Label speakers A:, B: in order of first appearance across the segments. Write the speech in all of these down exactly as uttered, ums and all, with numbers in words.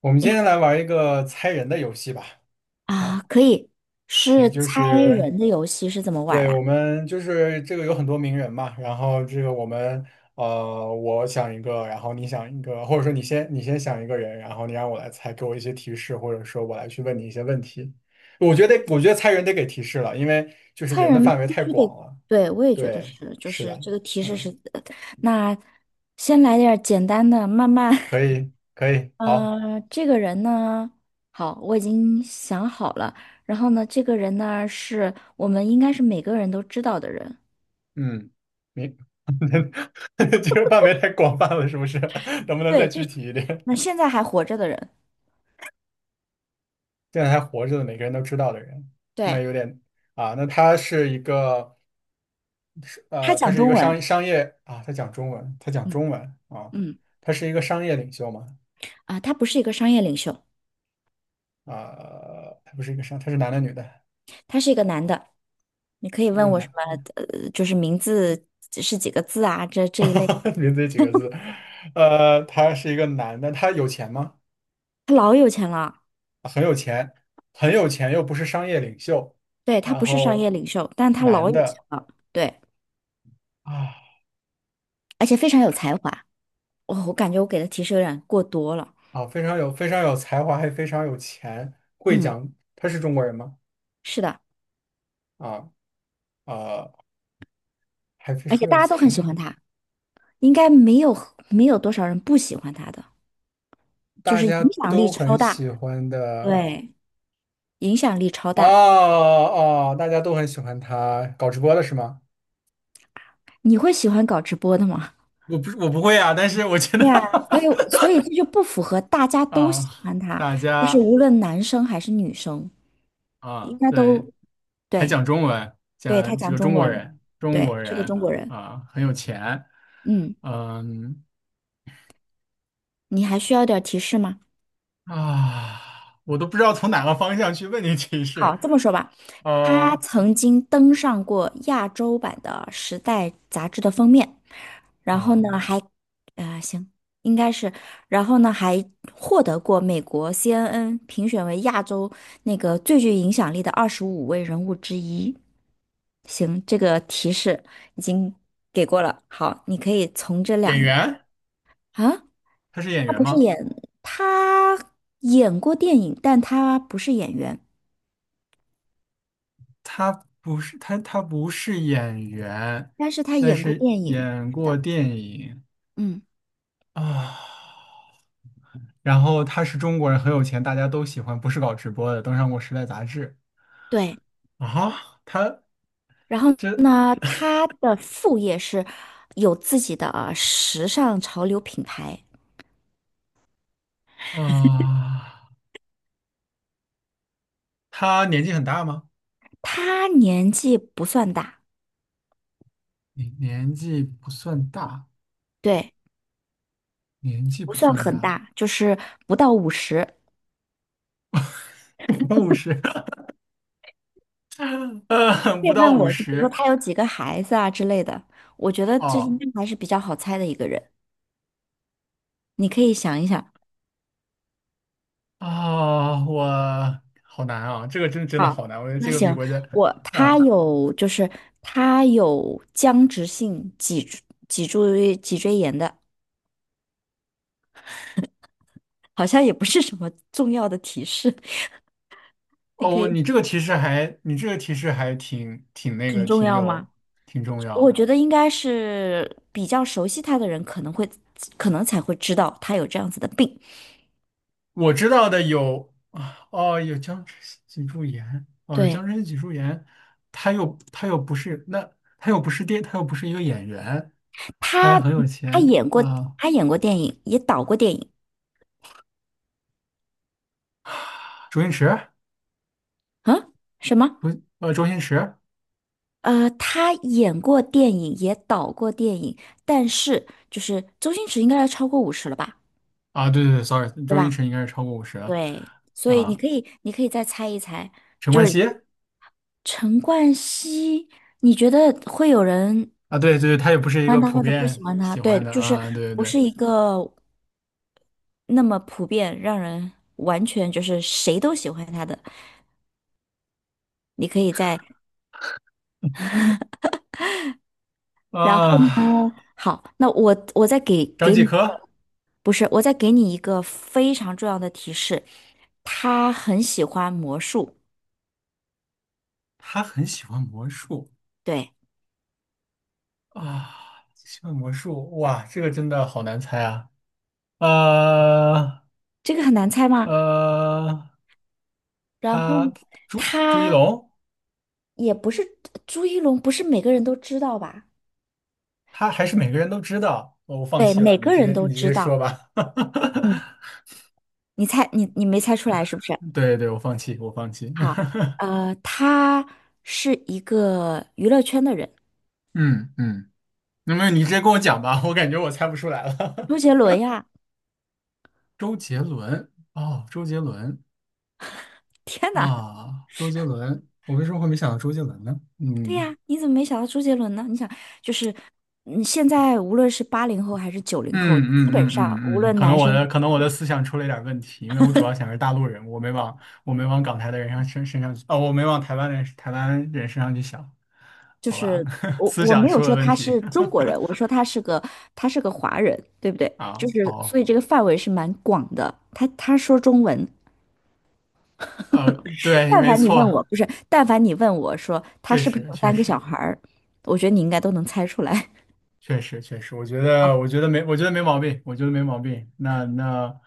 A: 我们
B: 呀
A: 今天来玩一个猜人的游戏吧。
B: 啊，
A: 啊，
B: 可以，
A: 行，
B: 是
A: 就
B: 猜
A: 是
B: 人的游戏是怎么玩儿
A: 对，
B: 啊？
A: 我们就是这个有很多名人嘛，然后这个我们呃，我想一个，然后你想一个，或者说你先你先想一个人，然后你让我来猜，给我一些提示，或者说我来去问你一些问题。我觉得我觉得猜人得给提示了，因为就是
B: 猜
A: 人的
B: 人
A: 范围
B: 必
A: 太
B: 须得，
A: 广了。
B: 对，我也觉得
A: 对，
B: 是，就
A: 是
B: 是
A: 的。
B: 这个提示是，
A: 嗯，
B: 那先来点儿简单的，慢慢，
A: 可以可以，好。
B: 呃，这个人呢，好，我已经想好了，然后呢，这个人呢是我们应该是每个人都知道的人，
A: 嗯，明，这个范围太广泛了，是不是？能不能再
B: 对，这，
A: 具体一点？
B: 那现在还活着的人，
A: 现在还活着的，每个人都知道的人，那
B: 对，
A: 有点啊。那他是一个
B: 他
A: 呃，他
B: 讲
A: 是一
B: 中
A: 个
B: 文，
A: 商商业啊，他讲中文，他讲
B: 嗯
A: 中文啊，
B: 嗯，
A: 他是一个商业领袖嘛？
B: 啊，他不是一个商业领袖，
A: 啊，他不是一个商，他是男的女的？
B: 他是一个男的。你可以
A: 越
B: 问我什
A: 南，
B: 么，呃，就是名字是几个字啊，这这一类。
A: 名字也几个字？呃，他是一个男的，他有钱吗？
B: 他老有钱了，
A: 很有钱，很有钱又不是商业领袖，
B: 对，他
A: 然
B: 不是商
A: 后
B: 业领袖，但他老
A: 男
B: 有钱
A: 的
B: 了，对，
A: 啊。
B: 而且非常有才华。我我感觉我给的提示有点过多了。
A: 啊，非常有，非常有才华，还非常有钱，会
B: 嗯，
A: 讲他是中国人吗？
B: 是的，
A: 啊，啊，还非
B: 而且
A: 常有
B: 大家都很
A: 才，
B: 喜欢他，应该没有没有多少人不喜欢他的，就
A: 大
B: 是
A: 家
B: 影响力
A: 都
B: 超
A: 很
B: 大。
A: 喜欢的。
B: 对，影响力超
A: 哦
B: 大。
A: 哦，大家都很喜欢他，搞直播的是吗？
B: 你会喜欢搞直播的吗？
A: 我不是我不会啊，但是我觉得
B: 对啊，所以所以这就不符合大家 都喜
A: 啊，
B: 欢他，
A: 大
B: 就是
A: 家
B: 无论男生还是女生。
A: 啊，
B: 应该
A: 对，
B: 都
A: 还
B: 对，
A: 讲中文，
B: 对，他
A: 讲这
B: 讲
A: 个中
B: 中
A: 国
B: 文，
A: 人，中
B: 对，
A: 国
B: 是个中
A: 人
B: 国人。
A: 啊，很有钱。
B: 嗯，
A: 嗯，
B: 你还需要点儿提示吗？
A: 啊，我都不知道从哪个方向去问你提示。
B: 好，这么说吧，他
A: 呃
B: 曾经登上过亚洲版的《时代》杂志的封面，然后
A: 啊，
B: 呢，还，呃，行，应该是，然后呢，还获得过美国 C N N 评选为亚洲那个最具影响力的二十五位人物之一。行，这个提示已经给过了。好，你可以从这
A: 演
B: 两个。
A: 员，
B: 啊，
A: 他是演
B: 他
A: 员
B: 不是
A: 吗？
B: 演，他演过电影，但他不是演员，
A: 他不是，他他不是演员，
B: 但是他
A: 但
B: 演过
A: 是
B: 电影，
A: 演
B: 是
A: 过
B: 的，
A: 电影
B: 嗯，
A: 啊。然后他是中国人，很有钱，大家都喜欢，不是搞直播的，登上过《时代》杂志
B: 对。
A: 啊。他
B: 然后
A: 这，
B: 呢，他的副业是有自己的呃时尚潮流品牌。
A: 啊，他年纪很大吗？
B: 他年纪不算大，
A: 你年纪不算大，
B: 对，
A: 年纪
B: 不
A: 不
B: 算
A: 算
B: 很
A: 大，
B: 大，就是不到五十。
A: 不到五十，呃，不
B: 别
A: 到
B: 问
A: 五
B: 我，就比如说
A: 十。
B: 他有几个孩子啊之类的，我觉得这应
A: 哦，
B: 该还是比较好猜的一个人。你可以想一想，
A: 啊，我好难啊，这个真真的好
B: 好，
A: 难，我觉得这
B: 那
A: 个比
B: 行，
A: 国家
B: 我
A: 啊，
B: 他有就是他有僵直性脊柱脊柱脊椎炎的，好像也不是什么重要的提示，你可
A: 哦，
B: 以
A: 你这个提示还，你这个提示还挺挺那
B: 很
A: 个，
B: 重
A: 挺
B: 要
A: 有，
B: 吗？
A: 挺重
B: 我
A: 要。
B: 觉得应该是比较熟悉他的人可能会可能才会知道他有这样子的病。
A: 我知道的有啊，哦，有僵直性脊柱炎，哦，有
B: 对，
A: 僵直性脊柱炎。他又他又不是那，他又不是电，他又不是一个演员，他还
B: 他，
A: 很有
B: 他
A: 钱
B: 演过
A: 啊。
B: 他演过电影，也导过电影
A: 周星驰，
B: 啊？什么？
A: 呃，周星驰。
B: 呃，他演过电影，也导过电影，但是就是周星驰应该要超过五十了吧，
A: 啊，对对对，sorry，
B: 对
A: 周星
B: 吧？
A: 驰应该是超过五十了。
B: 所以你可以，你可以再猜一猜，
A: 陈
B: 就
A: 冠希。
B: 是陈冠希，你觉得会有人喜
A: 啊，对对对，他也不是一个
B: 欢他
A: 普
B: 或者不喜
A: 遍
B: 欢他？
A: 喜
B: 对，
A: 欢的
B: 就是
A: 啊，对对
B: 不是
A: 对。
B: 一个那么普遍，让人完全就是谁都喜欢他的。你可以再，然后
A: 啊，
B: 好，那我我再给
A: 张
B: 给
A: 继
B: 你。
A: 科。
B: 不是，我再给你一个非常重要的提示，他很喜欢魔术。
A: 他很喜欢魔术。
B: 对，
A: 啊，喜欢魔术，哇，这个真的好难猜啊。呃
B: 这个很难猜吗？
A: 呃，
B: 然后呢
A: 他朱朱一
B: 他
A: 龙，
B: 也不是朱一龙，不是每个人都知道吧？
A: 他还是每个人都知道，哦，我放
B: 对，
A: 弃
B: 每
A: 了，你
B: 个
A: 直
B: 人
A: 接
B: 都
A: 你直
B: 知
A: 接说
B: 道。
A: 吧。
B: 嗯，你猜，你你没猜出来是不是？
A: 对对，我放弃，我放弃。
B: 好，呃，他是一个娱乐圈的人，
A: 嗯嗯。那么你直接跟我讲吧，我感觉我猜不出来了。
B: 周杰伦呀！
A: 周杰伦，哦，周杰伦，
B: 天哪，
A: 啊，周杰伦，我为什么会没想到周杰伦呢？
B: 对
A: 嗯
B: 呀，你怎么没想到周杰伦呢？你想，就是，嗯，现在无论是八零后还是九零后，
A: 嗯
B: 基
A: 嗯
B: 本
A: 嗯
B: 上无
A: 嗯嗯，
B: 论
A: 可能
B: 男
A: 我
B: 生，
A: 的可能我的思想出了一点问题，因为我主要想是大陆人，我没往我没往港台的人上身身上去，哦，我没往台湾人台湾人身上去想。
B: 就
A: 好吧，
B: 是 我
A: 思
B: 我
A: 想
B: 没有
A: 出了
B: 说
A: 问
B: 他
A: 题。
B: 是中国人，我说他是个他是个华人，对不对？就
A: 啊，
B: 是所
A: 好，
B: 以这个范围是蛮广的。他他说中文，
A: 呃，对，
B: 但
A: 没
B: 凡你问
A: 错，
B: 我，不是，但凡你问我说他
A: 确
B: 是不是
A: 实
B: 有
A: 确
B: 三个小
A: 实，
B: 孩儿，我觉得你应该都能猜出来。
A: 确实，确实。我觉得，
B: 好，
A: 我觉得没，我觉得没毛病，我觉得没毛病。那那，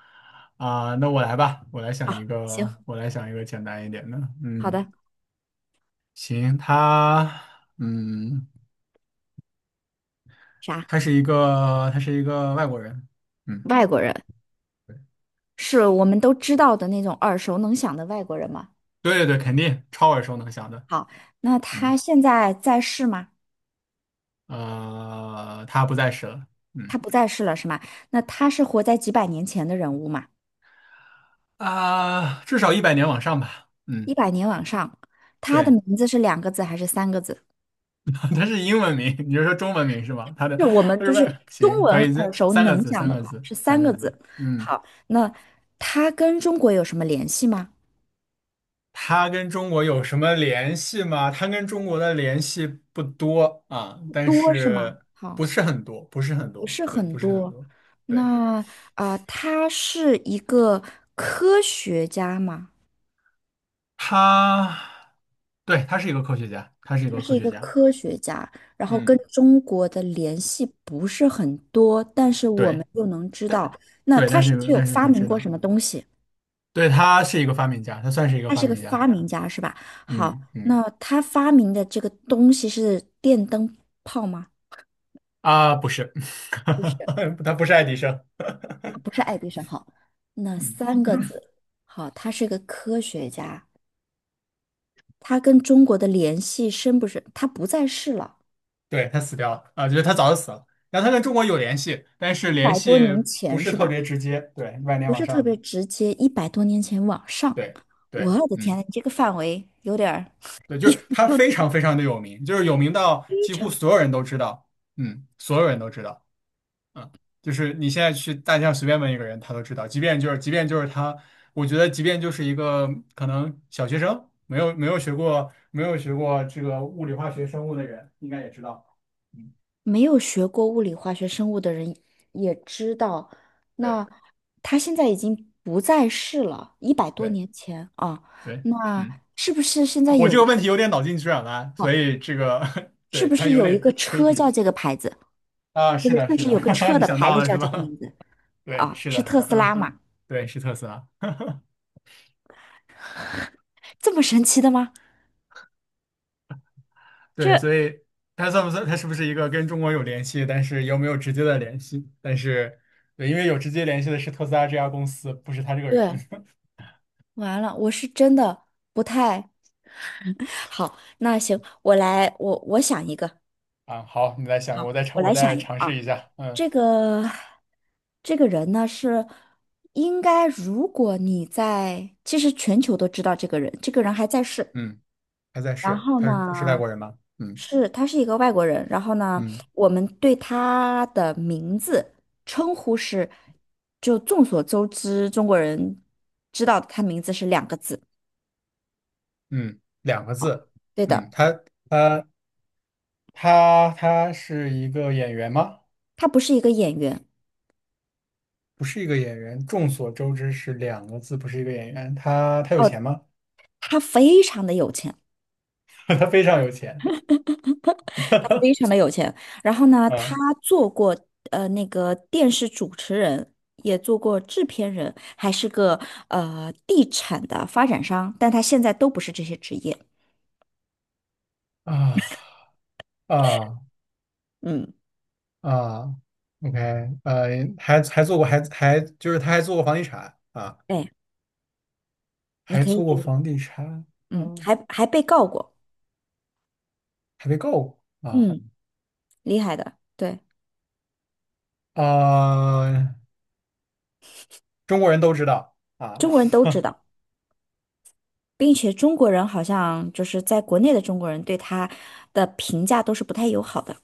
A: 啊、那我来吧，我来想一
B: 好，
A: 个，
B: 行，
A: 我来想一个简单一点的。
B: 好
A: 嗯，
B: 的，
A: 行，他，嗯，
B: 啥？
A: 他是一个，他是一个外国人。嗯，
B: 外国人是我们都知道的那种耳熟能详的外国人吗？
A: 对对对，肯定超耳熟能详的。
B: 好，那
A: 嗯，
B: 他现在在世吗？
A: 呃，他不在世了。嗯，
B: 他不在世了是吗？那他是活在几百年前的人物嘛？
A: 啊、至少一百年往上吧。嗯，
B: 一百年往上，他的
A: 对。
B: 名字是两个字还是三个字？
A: 它是英文名，你就说中文名是吧？它的，
B: 是我
A: 它
B: 们
A: 是
B: 就是
A: 外
B: 中
A: 行，可
B: 文
A: 以，这
B: 耳熟
A: 三个
B: 能
A: 字，
B: 详
A: 三
B: 的
A: 个
B: 话
A: 字，
B: 是
A: 三
B: 三
A: 个
B: 个
A: 字。
B: 字。
A: 嗯，
B: 好，那他跟中国有什么联系吗？
A: 它跟中国有什么联系吗？它跟中国的联系不多啊，
B: 不
A: 但
B: 多是
A: 是，
B: 吗？好，
A: 不是很多，不是很
B: 不
A: 多，
B: 是
A: 对，
B: 很
A: 不是很
B: 多。
A: 多。对，
B: 那啊、呃他是一个科学家吗？
A: 他，对，他是一个科学家，他是一
B: 他
A: 个
B: 是
A: 科
B: 一
A: 学
B: 个
A: 家。
B: 科学家，然后跟
A: 嗯，
B: 中国的联系不是很多，但是我们
A: 对，
B: 知
A: 但，
B: 道，那
A: 对，但
B: 他是不
A: 是
B: 是有
A: 但是
B: 发
A: 很
B: 明
A: 值
B: 过什
A: 得。
B: 么东西？
A: 对，他是一个发明家，他算是一个
B: 他
A: 发
B: 是个
A: 明家。
B: 发明家，是吧？好，
A: 嗯嗯。
B: 那他发明的这个东西是电灯泡吗？
A: 啊，不是，
B: 不是，
A: 他不是爱迪生。
B: 他不是 爱迪生。好，那
A: 嗯，
B: 三个字，好，他是个科学家，他跟中国的联系深不深？他不在世了，
A: 对，他死掉了啊，就是他早就死了。然后他跟中国有联系，但是
B: 一
A: 联
B: 百多
A: 系
B: 年
A: 不
B: 前
A: 是
B: 是
A: 特
B: 吧？
A: 别直接，对，万年
B: 不
A: 往
B: 是
A: 上
B: 特
A: 的。
B: 别直接，一百多年前往上，
A: 对，对，
B: 我的天
A: 嗯，
B: 呐，你这个范围有点儿
A: 对，就
B: 又
A: 是他非
B: 又
A: 常非常的有名，就是有名到
B: 非
A: 几乎
B: 常
A: 所有人都知道。嗯，所有人都知道。嗯，就是你现在去大街上随便问一个人，他都知道。即便就是，即便就是他，我觉得即便就是一个可能小学生，没有没有学过没有学过这个物理、化学、生物的人，应该也知道。嗯，
B: 没有学过物理、化学、生物的人也知道，
A: 对
B: 那他现在已经不在世了，一百多
A: 对
B: 年前啊，
A: 对，
B: 那
A: 嗯，
B: 是不是现在
A: 我这
B: 有一
A: 个问
B: 个
A: 题有点脑筋急转弯，所以这个
B: 是
A: 对
B: 不
A: 他
B: 是
A: 有
B: 有一
A: 点
B: 个车
A: tricky。
B: 叫这个牌子，
A: 啊，
B: 不
A: 是
B: 是，
A: 的，
B: 就
A: 是
B: 是
A: 的。
B: 有个 车
A: 你
B: 的
A: 想
B: 牌
A: 到
B: 子
A: 了
B: 叫
A: 是
B: 这个
A: 吧？
B: 名字
A: 对，
B: 啊？
A: 是
B: 是
A: 的，
B: 特斯
A: 嗯，
B: 拉嘛？
A: 对，是特斯拉。
B: 这么神奇的吗？
A: 对，
B: 这
A: 所以他算不算？他是不是一个跟中国有联系，但是又没有直接的联系？但是，对，因为有直接联系的是特斯拉这家公司，不是他这个人。
B: 对，完了，我是真的不太。好，那行，我来，我我想一个，
A: 啊，好，你再想，我
B: 好，
A: 再尝，
B: 我
A: 我
B: 来
A: 再
B: 想一个
A: 尝试
B: 啊。
A: 一下。嗯，
B: 这个这个人呢是应该，如果你在，其实全球都知道这个人，这个人还在世。
A: 嗯，他在
B: 然
A: 是，
B: 后
A: 他他是外
B: 呢，
A: 国人吗？嗯
B: 是他是一个外国人。然后呢，
A: 嗯
B: 我们对他的名字称呼是，就众所周知，中国人知道他名字是两个字。
A: 嗯，两个字。
B: 对
A: 嗯，
B: 的，
A: 他他他他是一个演员吗？
B: 他不是一个演员
A: 不是一个演员。众所周知是两个字，不是一个演员。他他有钱
B: 哦，
A: 吗？
B: 他非常的有钱。
A: 他非常有钱。
B: 他非常 的有钱。然后呢，他
A: 嗯，
B: 做过呃那个电视主持人，也做过制片人，还是个呃地产的发展商，但他现在都不是这些职业。
A: 啊，啊。
B: 嗯，
A: 啊，OK，呃，还还做过，还还就是他还做过房地产啊，
B: 对，你
A: 还
B: 可
A: 做过
B: 以，
A: 房地产啊，
B: 嗯，还还被告过，
A: 还被告过啊。
B: 嗯，厉害的，对，
A: 啊，中国人都知道啊。
B: 中国人都知 道。并且中国人好像就是在国内的中国人对他的评价都是不太友好的，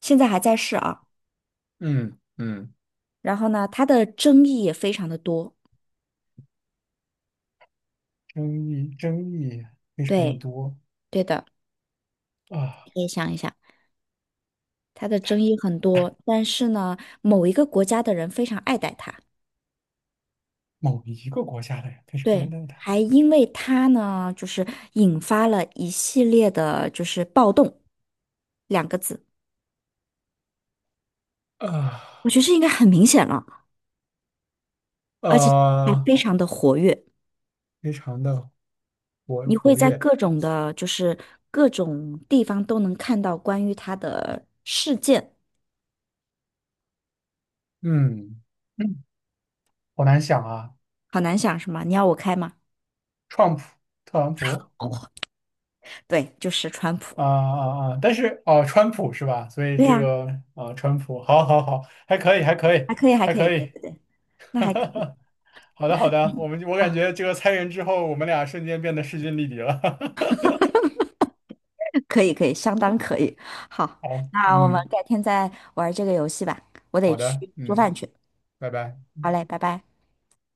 B: 现在还在世啊。
A: 嗯嗯，
B: 然后呢，他的争议也非常的多。
A: 争议争议非常的
B: 对，
A: 多
B: 对的，
A: 啊，
B: 可以想一想。它的争
A: 他
B: 议很多，但是呢，某一个国家的人非常爱戴它，
A: 某一个国家的人非常爱
B: 对，
A: 戴他。
B: 还因为它呢，就是引发了一系列的，就是暴动两个字，
A: 啊，
B: 我觉得这应该很明显了，而且还
A: 呃，
B: 非常的活跃，
A: 非常的活
B: 你会
A: 活
B: 在
A: 跃，
B: 各种的，就是各种地方都能看到关于它的事件，
A: 嗯，嗯，好难想啊。
B: 好难想是吗？你要我开吗？
A: 川普，特朗 普。
B: 哦，对，就是川普，
A: 啊啊啊！但是哦，川普是吧？所以
B: 对
A: 这
B: 呀、
A: 个啊，川普，好，好，好，还可以，还可以，
B: 还可以，还
A: 还
B: 可以，
A: 可
B: 对
A: 以。
B: 对对，那还可以。
A: 好的，好的，我们，我感
B: 啊。
A: 觉这个参人之后，我们俩瞬间变得势均力敌了。
B: 可以，可以，相当可以。好，
A: 好，
B: 那我们
A: 嗯，
B: 改天再玩这个游戏吧，我得
A: 好的，
B: 去做
A: 嗯，
B: 饭去。
A: 拜拜。
B: 好嘞，拜拜。